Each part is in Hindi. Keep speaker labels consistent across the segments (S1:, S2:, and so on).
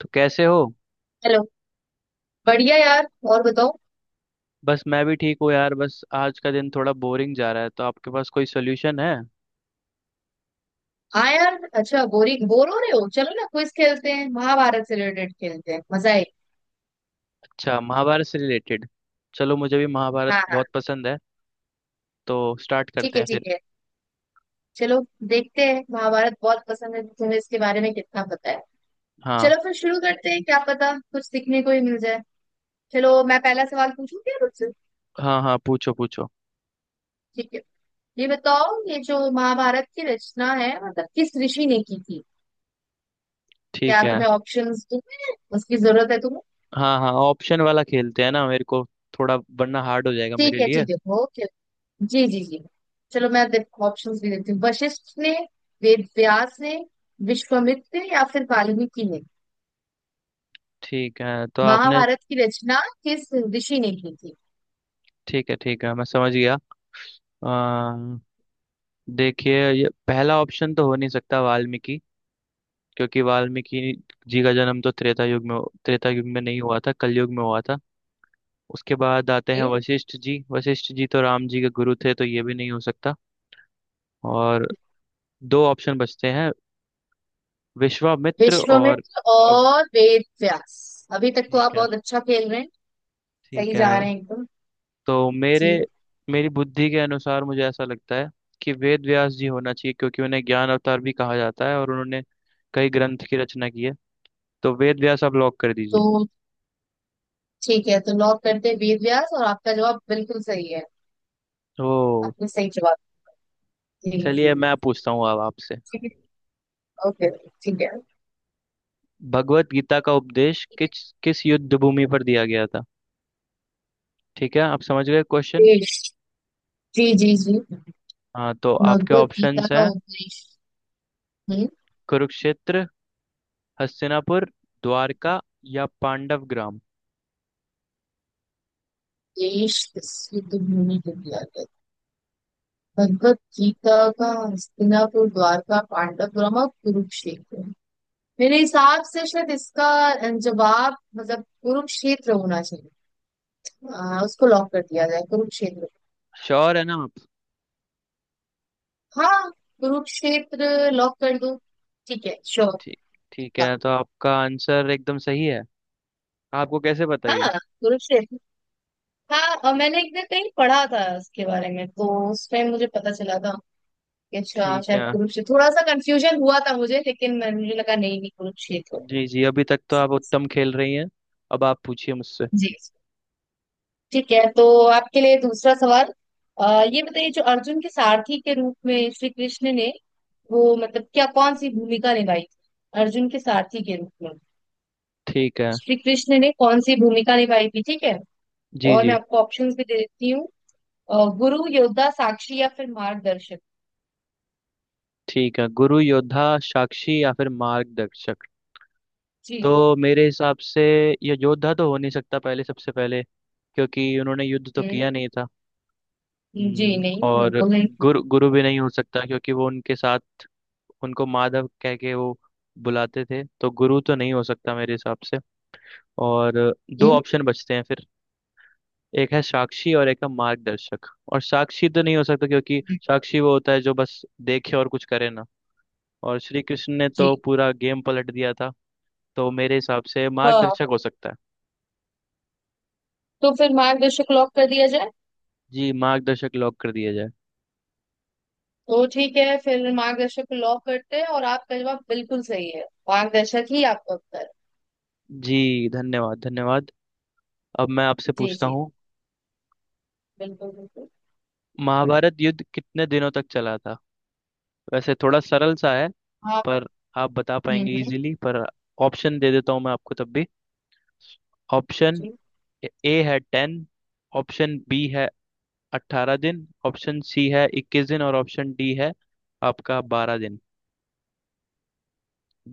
S1: तो कैसे हो।
S2: हेलो। बढ़िया यार, और बताओ।
S1: बस मैं भी ठीक हूँ यार। बस आज का दिन थोड़ा बोरिंग जा रहा है, तो आपके पास कोई सोल्यूशन है?
S2: हाँ यार, अच्छा बोरिंग बोर हो रहे हो, चलो ना क्विज खेलते हैं, महाभारत से रिलेटेड खेलते हैं, मजा आए।
S1: अच्छा, महाभारत से रिलेटेड। चलो, मुझे भी महाभारत
S2: हाँ, हाँ।
S1: बहुत पसंद है। तो स्टार्ट
S2: ठीक
S1: करते
S2: है,
S1: हैं फिर।
S2: ठीक है। चलो। देखते हैं, महाभारत बहुत पसंद है तुम्हें, इसके बारे में कितना पता है।
S1: हाँ
S2: चलो फिर शुरू करते हैं, क्या पता कुछ सीखने को ही मिल जाए। चलो, मैं पहला सवाल पूछूं क्या मुझसे?
S1: हाँ हाँ, पूछो पूछो।
S2: ठीक है। ये बताओ, ये जो महाभारत की रचना है मतलब किस ऋषि ने की थी। क्या
S1: ठीक है।
S2: तुम्हें ऑप्शंस दूं मैं? उसकी जरूरत है तुम्हें?
S1: हाँ हाँ, ऑप्शन वाला खेलते हैं ना मेरे को थोड़ा, वरना हार्ड हो जाएगा मेरे
S2: ठीक है,
S1: लिए।
S2: ठीक है। ओके। जी जी जी। चलो, मैं ऑप्शंस भी देती हूँ। वशिष्ठ ने, वेद व्यास ने, विश्वामित्र ने, या फिर वाल्मीकि ने।
S1: ठीक है, तो आपने।
S2: महाभारत की रचना किस ऋषि ने की थी।
S1: ठीक है ठीक है, मैं समझ गया। अ, देखिए, ये पहला ऑप्शन तो हो नहीं सकता वाल्मीकि, क्योंकि वाल्मीकि जी का जन्म तो त्रेता युग में नहीं हुआ था, कलयुग में हुआ था। उसके बाद आते हैं
S2: ए,
S1: वशिष्ठ जी। वशिष्ठ जी तो राम जी के गुरु थे, तो ये भी नहीं हो सकता। और दो ऑप्शन बचते हैं, विश्वामित्र और।
S2: विश्वामित्र
S1: और-
S2: और वेद व्यास, अभी तक तो आप
S1: ठीक है।
S2: बहुत अच्छा खेल रहे हैं। सही
S1: ठीक है।
S2: जा रहे हैं एकदम।
S1: तो मेरे
S2: जी।
S1: मेरी बुद्धि के अनुसार मुझे ऐसा लगता है कि वेद व्यास जी होना चाहिए, क्योंकि उन्हें ज्ञान अवतार भी कहा जाता है और उन्होंने कई ग्रंथ की रचना की है। तो वेद व्यास आप लॉक कर दीजिए।
S2: तो ठीक है, तो लॉक करते हैं वेद व्यास, और आपका जवाब बिल्कुल सही है।
S1: तो
S2: आपने सही जवाब। जी, जी।
S1: चलिए, मैं पूछता हूँ अब आपसे।
S2: ठीक है। ओके। ठीक है,
S1: भगवत गीता का उपदेश
S2: ठीक है,
S1: किस किस युद्ध भूमि पर दिया गया था? ठीक है, आप समझ गए क्वेश्चन?
S2: देश। जी जी जी।
S1: हाँ, तो आपके
S2: भगवत गीता
S1: ऑप्शंस
S2: का
S1: हैं,
S2: उपदेश। हम्म
S1: कुरुक्षेत्र, हस्तिनापुर, द्वारका या पांडव ग्राम।
S2: देश सिद्ध भूमि को दिया गया। भगवत गीता का हस्तिनापुर, द्वारका, पांडवपुरम और कुरुक्षेत्र। मेरे हिसाब से शायद इसका जवाब मतलब कुरुक्षेत्र होना चाहिए। उसको लॉक कर दिया जाए कुरुक्षेत्र।
S1: श्योर है ना आप?
S2: हाँ, कुरुक्षेत्र लॉक कर दो। ठीक है, श्योर।
S1: ठीक ठीक
S2: हाँ।
S1: है, तो आपका आंसर एकदम सही है। आपको कैसे बताइए।
S2: हाँ, कुरुक्षेत्र। हाँ, और मैंने एक दिन कहीं पढ़ा था उसके बारे में, तो उस टाइम मुझे पता चला था कि अच्छा,
S1: ठीक
S2: शायद
S1: है।
S2: कुरुक्षेत्र। थोड़ा सा कंफ्यूजन हुआ था मुझे, लेकिन मैं मुझे लगा नहीं नहीं कुरुक्षेत्र।
S1: जी जी, अभी तक तो
S2: जी।
S1: आप उत्तम खेल रही हैं। अब आप पूछिए मुझसे।
S2: ठीक है, तो आपके लिए दूसरा सवाल। ये बताइए, जो अर्जुन के सारथी के रूप में श्री कृष्ण ने, वो मतलब क्या, कौन सी भूमिका निभाई थी। अर्जुन के सारथी के रूप में
S1: ठीक है।
S2: श्री कृष्ण ने कौन सी भूमिका निभाई थी? ठीक है।
S1: जी
S2: और मैं
S1: जी।
S2: आपको ऑप्शंस भी दे देती हूँ। गुरु, योद्धा, साक्षी, या फिर मार्गदर्शक।
S1: ठीक है, गुरु, योद्धा, साक्षी या फिर मार्गदर्शक। तो
S2: जी।
S1: मेरे हिसाब से ये योद्धा तो हो नहीं सकता, पहले सबसे पहले, क्योंकि उन्होंने युद्ध तो
S2: हम्म,
S1: किया नहीं था।
S2: जी नहीं,
S1: और
S2: बिल्कुल नहीं।
S1: गुरु गुरु भी नहीं हो सकता, क्योंकि वो उनके साथ उनको माधव कह के वो बुलाते थे, तो गुरु तो नहीं हो सकता मेरे हिसाब से। और दो
S2: हम्म,
S1: ऑप्शन बचते हैं फिर, एक है साक्षी और एक है मार्गदर्शक। और साक्षी तो नहीं हो सकता, क्योंकि साक्षी वो होता है जो बस देखे और कुछ करे ना। और श्री कृष्ण ने
S2: जी
S1: तो पूरा गेम पलट दिया था। तो मेरे हिसाब से
S2: हाँ।
S1: मार्गदर्शक हो सकता है।
S2: तो फिर मार्गदर्शक लॉक कर दिया जाए।
S1: जी, मार्गदर्शक लॉक कर दिया जाए।
S2: तो ठीक है, फिर मार्गदर्शक को लॉक करते हैं, और आपका जवाब बिल्कुल सही है। मार्गदर्शक ही आपका उत्तर है।
S1: जी, धन्यवाद धन्यवाद। अब मैं आपसे
S2: जी
S1: पूछता
S2: जी।
S1: हूँ,
S2: बिल्कुल बिल्कुल।
S1: महाभारत युद्ध कितने दिनों तक चला था? वैसे थोड़ा सरल सा है,
S2: आप।
S1: पर आप बता
S2: हम्म
S1: पाएंगे
S2: हम्म,
S1: इजीली। पर ऑप्शन दे देता हूँ मैं आपको तब भी। ऑप्शन
S2: जी।
S1: ए है 10। ऑप्शन बी है 18 दिन, ऑप्शन सी है 21 दिन और ऑप्शन डी है आपका 12 दिन।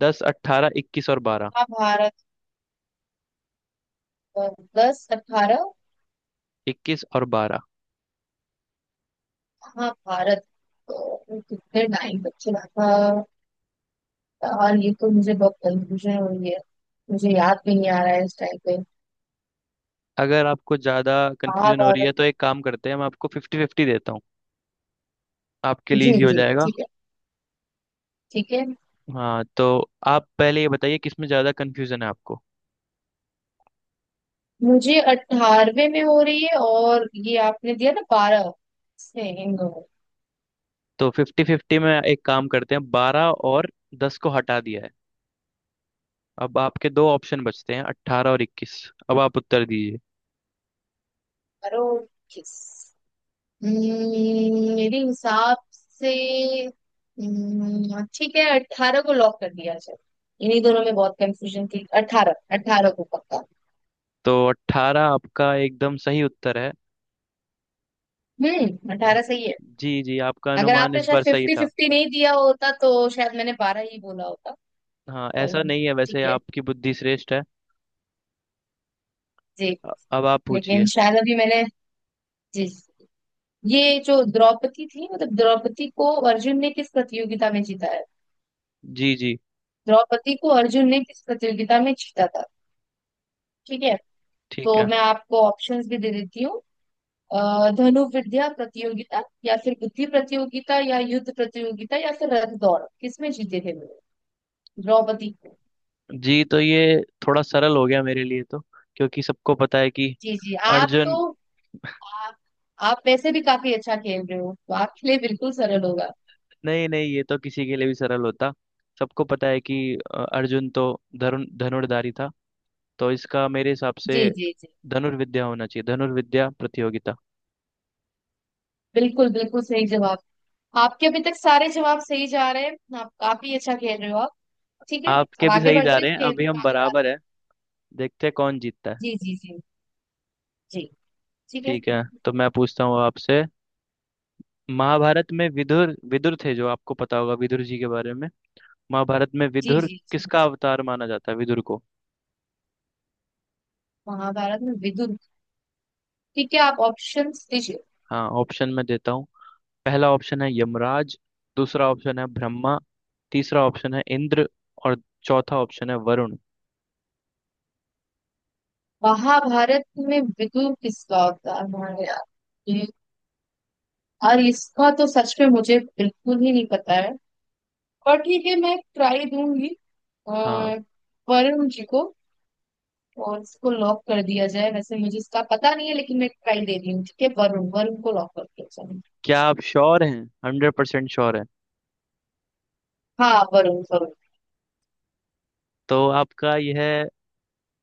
S1: 10, 18, 21 और 12
S2: हाँ भारत। अ, 10, 18।
S1: इक्कीस और बारह
S2: हाँ भारत, तो कितने टाइम तक चला था? और ये तो मुझे बहुत कंफ्यूजन हो रही है, मुझे याद भी नहीं आ रहा है इस टाइम पे।
S1: अगर आपको ज़्यादा
S2: कहाँ
S1: कंफ्यूजन हो रही
S2: भारत।
S1: है, तो एक काम करते हैं, मैं आपको 50-50 देता हूँ। आपके लिए
S2: जी
S1: इजी हो
S2: जी,
S1: जाएगा।
S2: ठीक है, ठीक है।
S1: हाँ, तो आप पहले ये बताइए, किसमें ज़्यादा कन्फ्यूजन है आपको?
S2: मुझे 18वें में हो रही है, और ये आपने दिया ना 12, से इन दोनों।
S1: तो 50-50 में एक काम करते हैं, 12 और 10 को हटा दिया है। अब आपके दो ऑप्शन बचते हैं, 18 और 21। अब आप उत्तर दीजिए।
S2: अरे, किस। मेरे हिसाब से। ठीक है, 18 को लॉक कर दिया जाए। इन्हीं दोनों में बहुत कंफ्यूजन थी। 18, 18 को पक्का।
S1: तो 18 आपका एकदम सही उत्तर है।
S2: हम्म, 18 सही है।
S1: जी जी, आपका
S2: अगर
S1: अनुमान
S2: आपने
S1: इस
S2: शायद
S1: बार सही
S2: फिफ्टी
S1: था।
S2: फिफ्टी नहीं दिया होता तो शायद मैंने 12 ही बोला होता।
S1: हाँ, ऐसा
S2: तो
S1: नहीं है,
S2: ठीक
S1: वैसे
S2: है।
S1: आपकी बुद्धि श्रेष्ठ है।
S2: जी।
S1: अ- अब आप पूछिए।
S2: लेकिन शायद अभी मैंने। जी जी। ये जो द्रौपदी थी, मतलब द्रौपदी को अर्जुन ने किस प्रतियोगिता में जीता है?
S1: जी जी।
S2: द्रौपदी को अर्जुन ने किस प्रतियोगिता में जीता था? ठीक है।
S1: ठीक
S2: तो
S1: है।
S2: मैं आपको ऑप्शंस भी दे देती हूँ। धनुर्विद्या प्रतियोगिता, या फिर बुद्धि प्रतियोगिता, या युद्ध प्रतियोगिता, या फिर रथ दौड़? किसमें जीते थे वो? द्रौपदी।
S1: जी तो ये थोड़ा सरल हो गया मेरे लिए, तो क्योंकि सबको पता है कि
S2: जी जी।
S1: अर्जुन।
S2: आप, आप वैसे भी काफी अच्छा खेल रहे हो, तो आपके लिए बिल्कुल सरल होगा।
S1: नहीं नहीं, ये तो किसी के लिए भी सरल होता। सबको पता है कि अर्जुन तो धनुर्धारी था। तो इसका मेरे हिसाब से
S2: जी जी जी।
S1: धनुर्विद्या होना चाहिए, धनुर्विद्या प्रतियोगिता।
S2: बिल्कुल बिल्कुल सही जवाब। आपके अभी तक सारे जवाब सही जा रहे हैं, आप काफी अच्छा खेल रहे हो, आप। ठीक है।
S1: आपके
S2: अब
S1: भी
S2: आगे
S1: सही जा
S2: बढ़ते हैं,
S1: रहे हैं,
S2: खेल
S1: अभी
S2: को
S1: हम
S2: आगे
S1: बराबर
S2: बढ़ाते हैं।
S1: है। देखते हैं कौन जीतता है।
S2: जी जी जी जी। ठीक है।
S1: ठीक है, तो मैं पूछता हूँ आपसे। महाभारत में विदुर विदुर थे, जो आपको पता होगा विदुर जी के बारे में। महाभारत में
S2: जी
S1: विदुर
S2: जी जी।
S1: किसका अवतार माना जाता है, विदुर को?
S2: महाभारत में विदुर। ठीक है, आप ऑप्शंस दीजिए।
S1: हाँ, ऑप्शन मैं देता हूँ। पहला ऑप्शन है यमराज। दूसरा ऑप्शन है ब्रह्मा। तीसरा ऑप्शन है इंद्र। और चौथा ऑप्शन है वरुण।
S2: महाभारत में विदुर किसका अवतार है यार? ये- और इसका तो सच में मुझे बिल्कुल ही नहीं पता है, पर ठीक है, मैं ट्राई दूंगी।
S1: हाँ।
S2: अह, वरुण जी को। और इसको लॉक कर दिया जाए, वैसे मुझे इसका पता नहीं है, लेकिन मैं ट्राई दे रही हूँ। ठीक है, वरुण, वरुण को लॉक कर दिया जाए।
S1: क्या आप श्योर हैं, 100% श्योर है?
S2: हाँ, वरुण, वरुण।
S1: तो आपका यह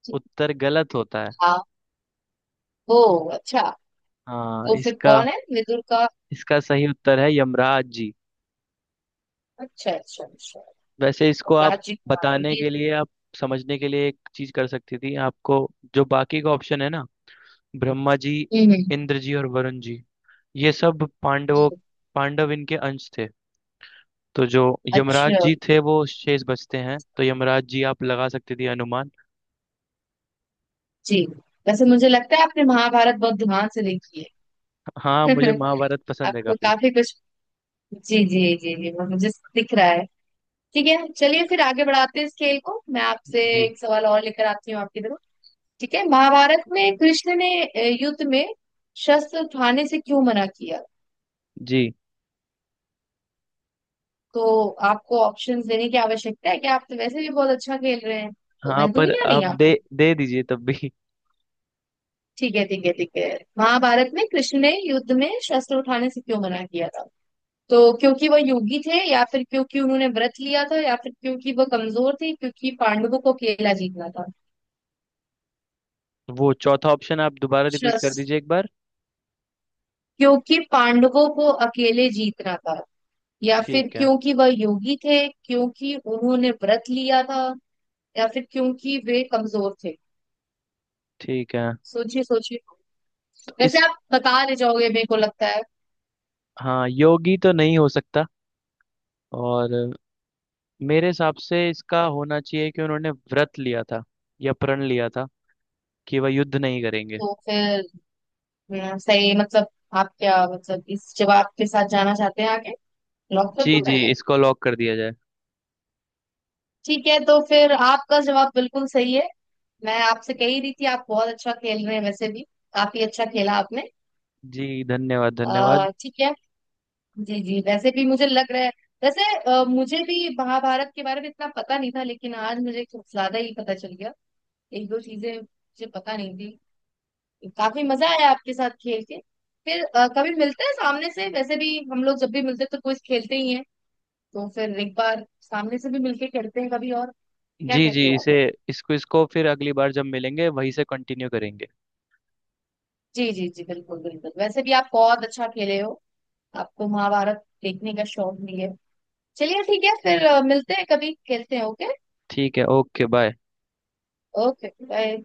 S2: ठीक।
S1: उत्तर गलत होता है।
S2: हाँ। ओ, अच्छा।
S1: हाँ,
S2: तो फिर
S1: इसका
S2: कौन है विदुर का?
S1: इसका सही उत्तर है यमराज जी।
S2: अच्छा, अच्छा, अच्छा।
S1: वैसे इसको
S2: और
S1: आप
S2: राज जी को
S1: बताने
S2: बनाएंगे।
S1: के लिए, आप समझने के लिए, एक चीज कर सकती थी आपको। जो बाकी का ऑप्शन है ना, ब्रह्मा जी,
S2: हम्म हम्म,
S1: इंद्र जी और वरुण जी, ये सब
S2: हम्म।
S1: पांडव इनके अंश थे। तो जो यमराज
S2: अच्छा।
S1: जी थे, वो शेष बचते हैं, तो यमराज जी आप लगा सकती थी अनुमान।
S2: जी, वैसे मुझे लगता है आपने महाभारत बहुत ध्यान से देखी
S1: हाँ,
S2: है।
S1: मुझे महाभारत पसंद है
S2: आपको
S1: काफी।
S2: काफी कुछ। जी जी जी जी, वो मुझे दिख रहा है। ठीक है, चलिए फिर आगे बढ़ाते हैं इस खेल को। मैं आपसे
S1: जी
S2: एक सवाल और लेकर आती हूँ आपकी तरफ। ठीक है, महाभारत में कृष्ण ने युद्ध में शस्त्र उठाने से क्यों मना किया।
S1: जी।
S2: तो आपको ऑप्शंस देने की आवश्यकता है कि आप तो वैसे भी बहुत अच्छा खेल रहे हैं, तो
S1: हाँ,
S2: मैं
S1: पर
S2: दूंगी या नहीं
S1: आप दे
S2: आपको?
S1: दे दीजिए तब भी।
S2: ठीक है, ठीक है, ठीक है। महाभारत में कृष्ण ने युद्ध में शस्त्र उठाने से क्यों मना किया था? तो क्योंकि वह योगी थे, या फिर क्योंकि उन्होंने व्रत लिया था, या फिर क्योंकि वह कमजोर थे, क्योंकि पांडवों को अकेला जीतना था।
S1: वो चौथा ऑप्शन आप दोबारा रिपीट
S2: श्रस
S1: कर दीजिए एक बार।
S2: क्योंकि पांडवों को अकेले जीतना था, या फिर
S1: ठीक है।
S2: क्योंकि वह योगी थे, क्योंकि उन्होंने व्रत लिया था, या फिर क्योंकि वे कमजोर थे।
S1: ठीक है।
S2: सोचिए, सोचिए।
S1: तो इस
S2: वैसे आप बता ले जाओगे मेरे को लगता है।
S1: हाँ, योगी तो नहीं हो सकता। और मेरे हिसाब से इसका होना चाहिए कि उन्होंने व्रत लिया था या प्रण लिया था कि वह युद्ध नहीं करेंगे।
S2: तो फिर। सही मतलब, आप क्या मतलब इस जवाब के साथ जाना चाहते हैं आगे? लॉक कर
S1: जी
S2: दूं
S1: जी,
S2: मैं?
S1: इसको लॉक कर दिया जाए।
S2: ठीक है, तो फिर आपका जवाब बिल्कुल सही है। मैं आपसे कह ही रही थी, आप बहुत अच्छा खेल रहे हैं वैसे भी। काफी अच्छा खेला आपने।
S1: जी, धन्यवाद धन्यवाद।
S2: ठीक है। जी जी, वैसे भी मुझे लग रहा है, वैसे मुझे भी महाभारत के बारे में इतना पता नहीं था, लेकिन आज मुझे कुछ ज्यादा ही पता चल गया। एक दो चीजें मुझे पता नहीं थी। काफी मजा आया आपके साथ खेल के। फिर कभी मिलते हैं सामने से, वैसे भी हम लोग जब भी मिलते हैं तो कुछ खेलते ही हैं, तो फिर एक बार सामने से भी मिलके खेलते हैं कभी और। क्या
S1: जी जी,
S2: कहते हो आप?
S1: इसे इसको इसको फिर अगली बार जब मिलेंगे वहीं से कंटिन्यू करेंगे।
S2: जी जी जी, बिल्कुल बिल्कुल, वैसे भी आप बहुत अच्छा खेले हो, आपको महाभारत देखने का शौक भी है। चलिए ठीक है, फिर मिलते हैं कभी, खेलते हैं। ओके।
S1: ठीक है, ओके बाय।
S2: Okay bye.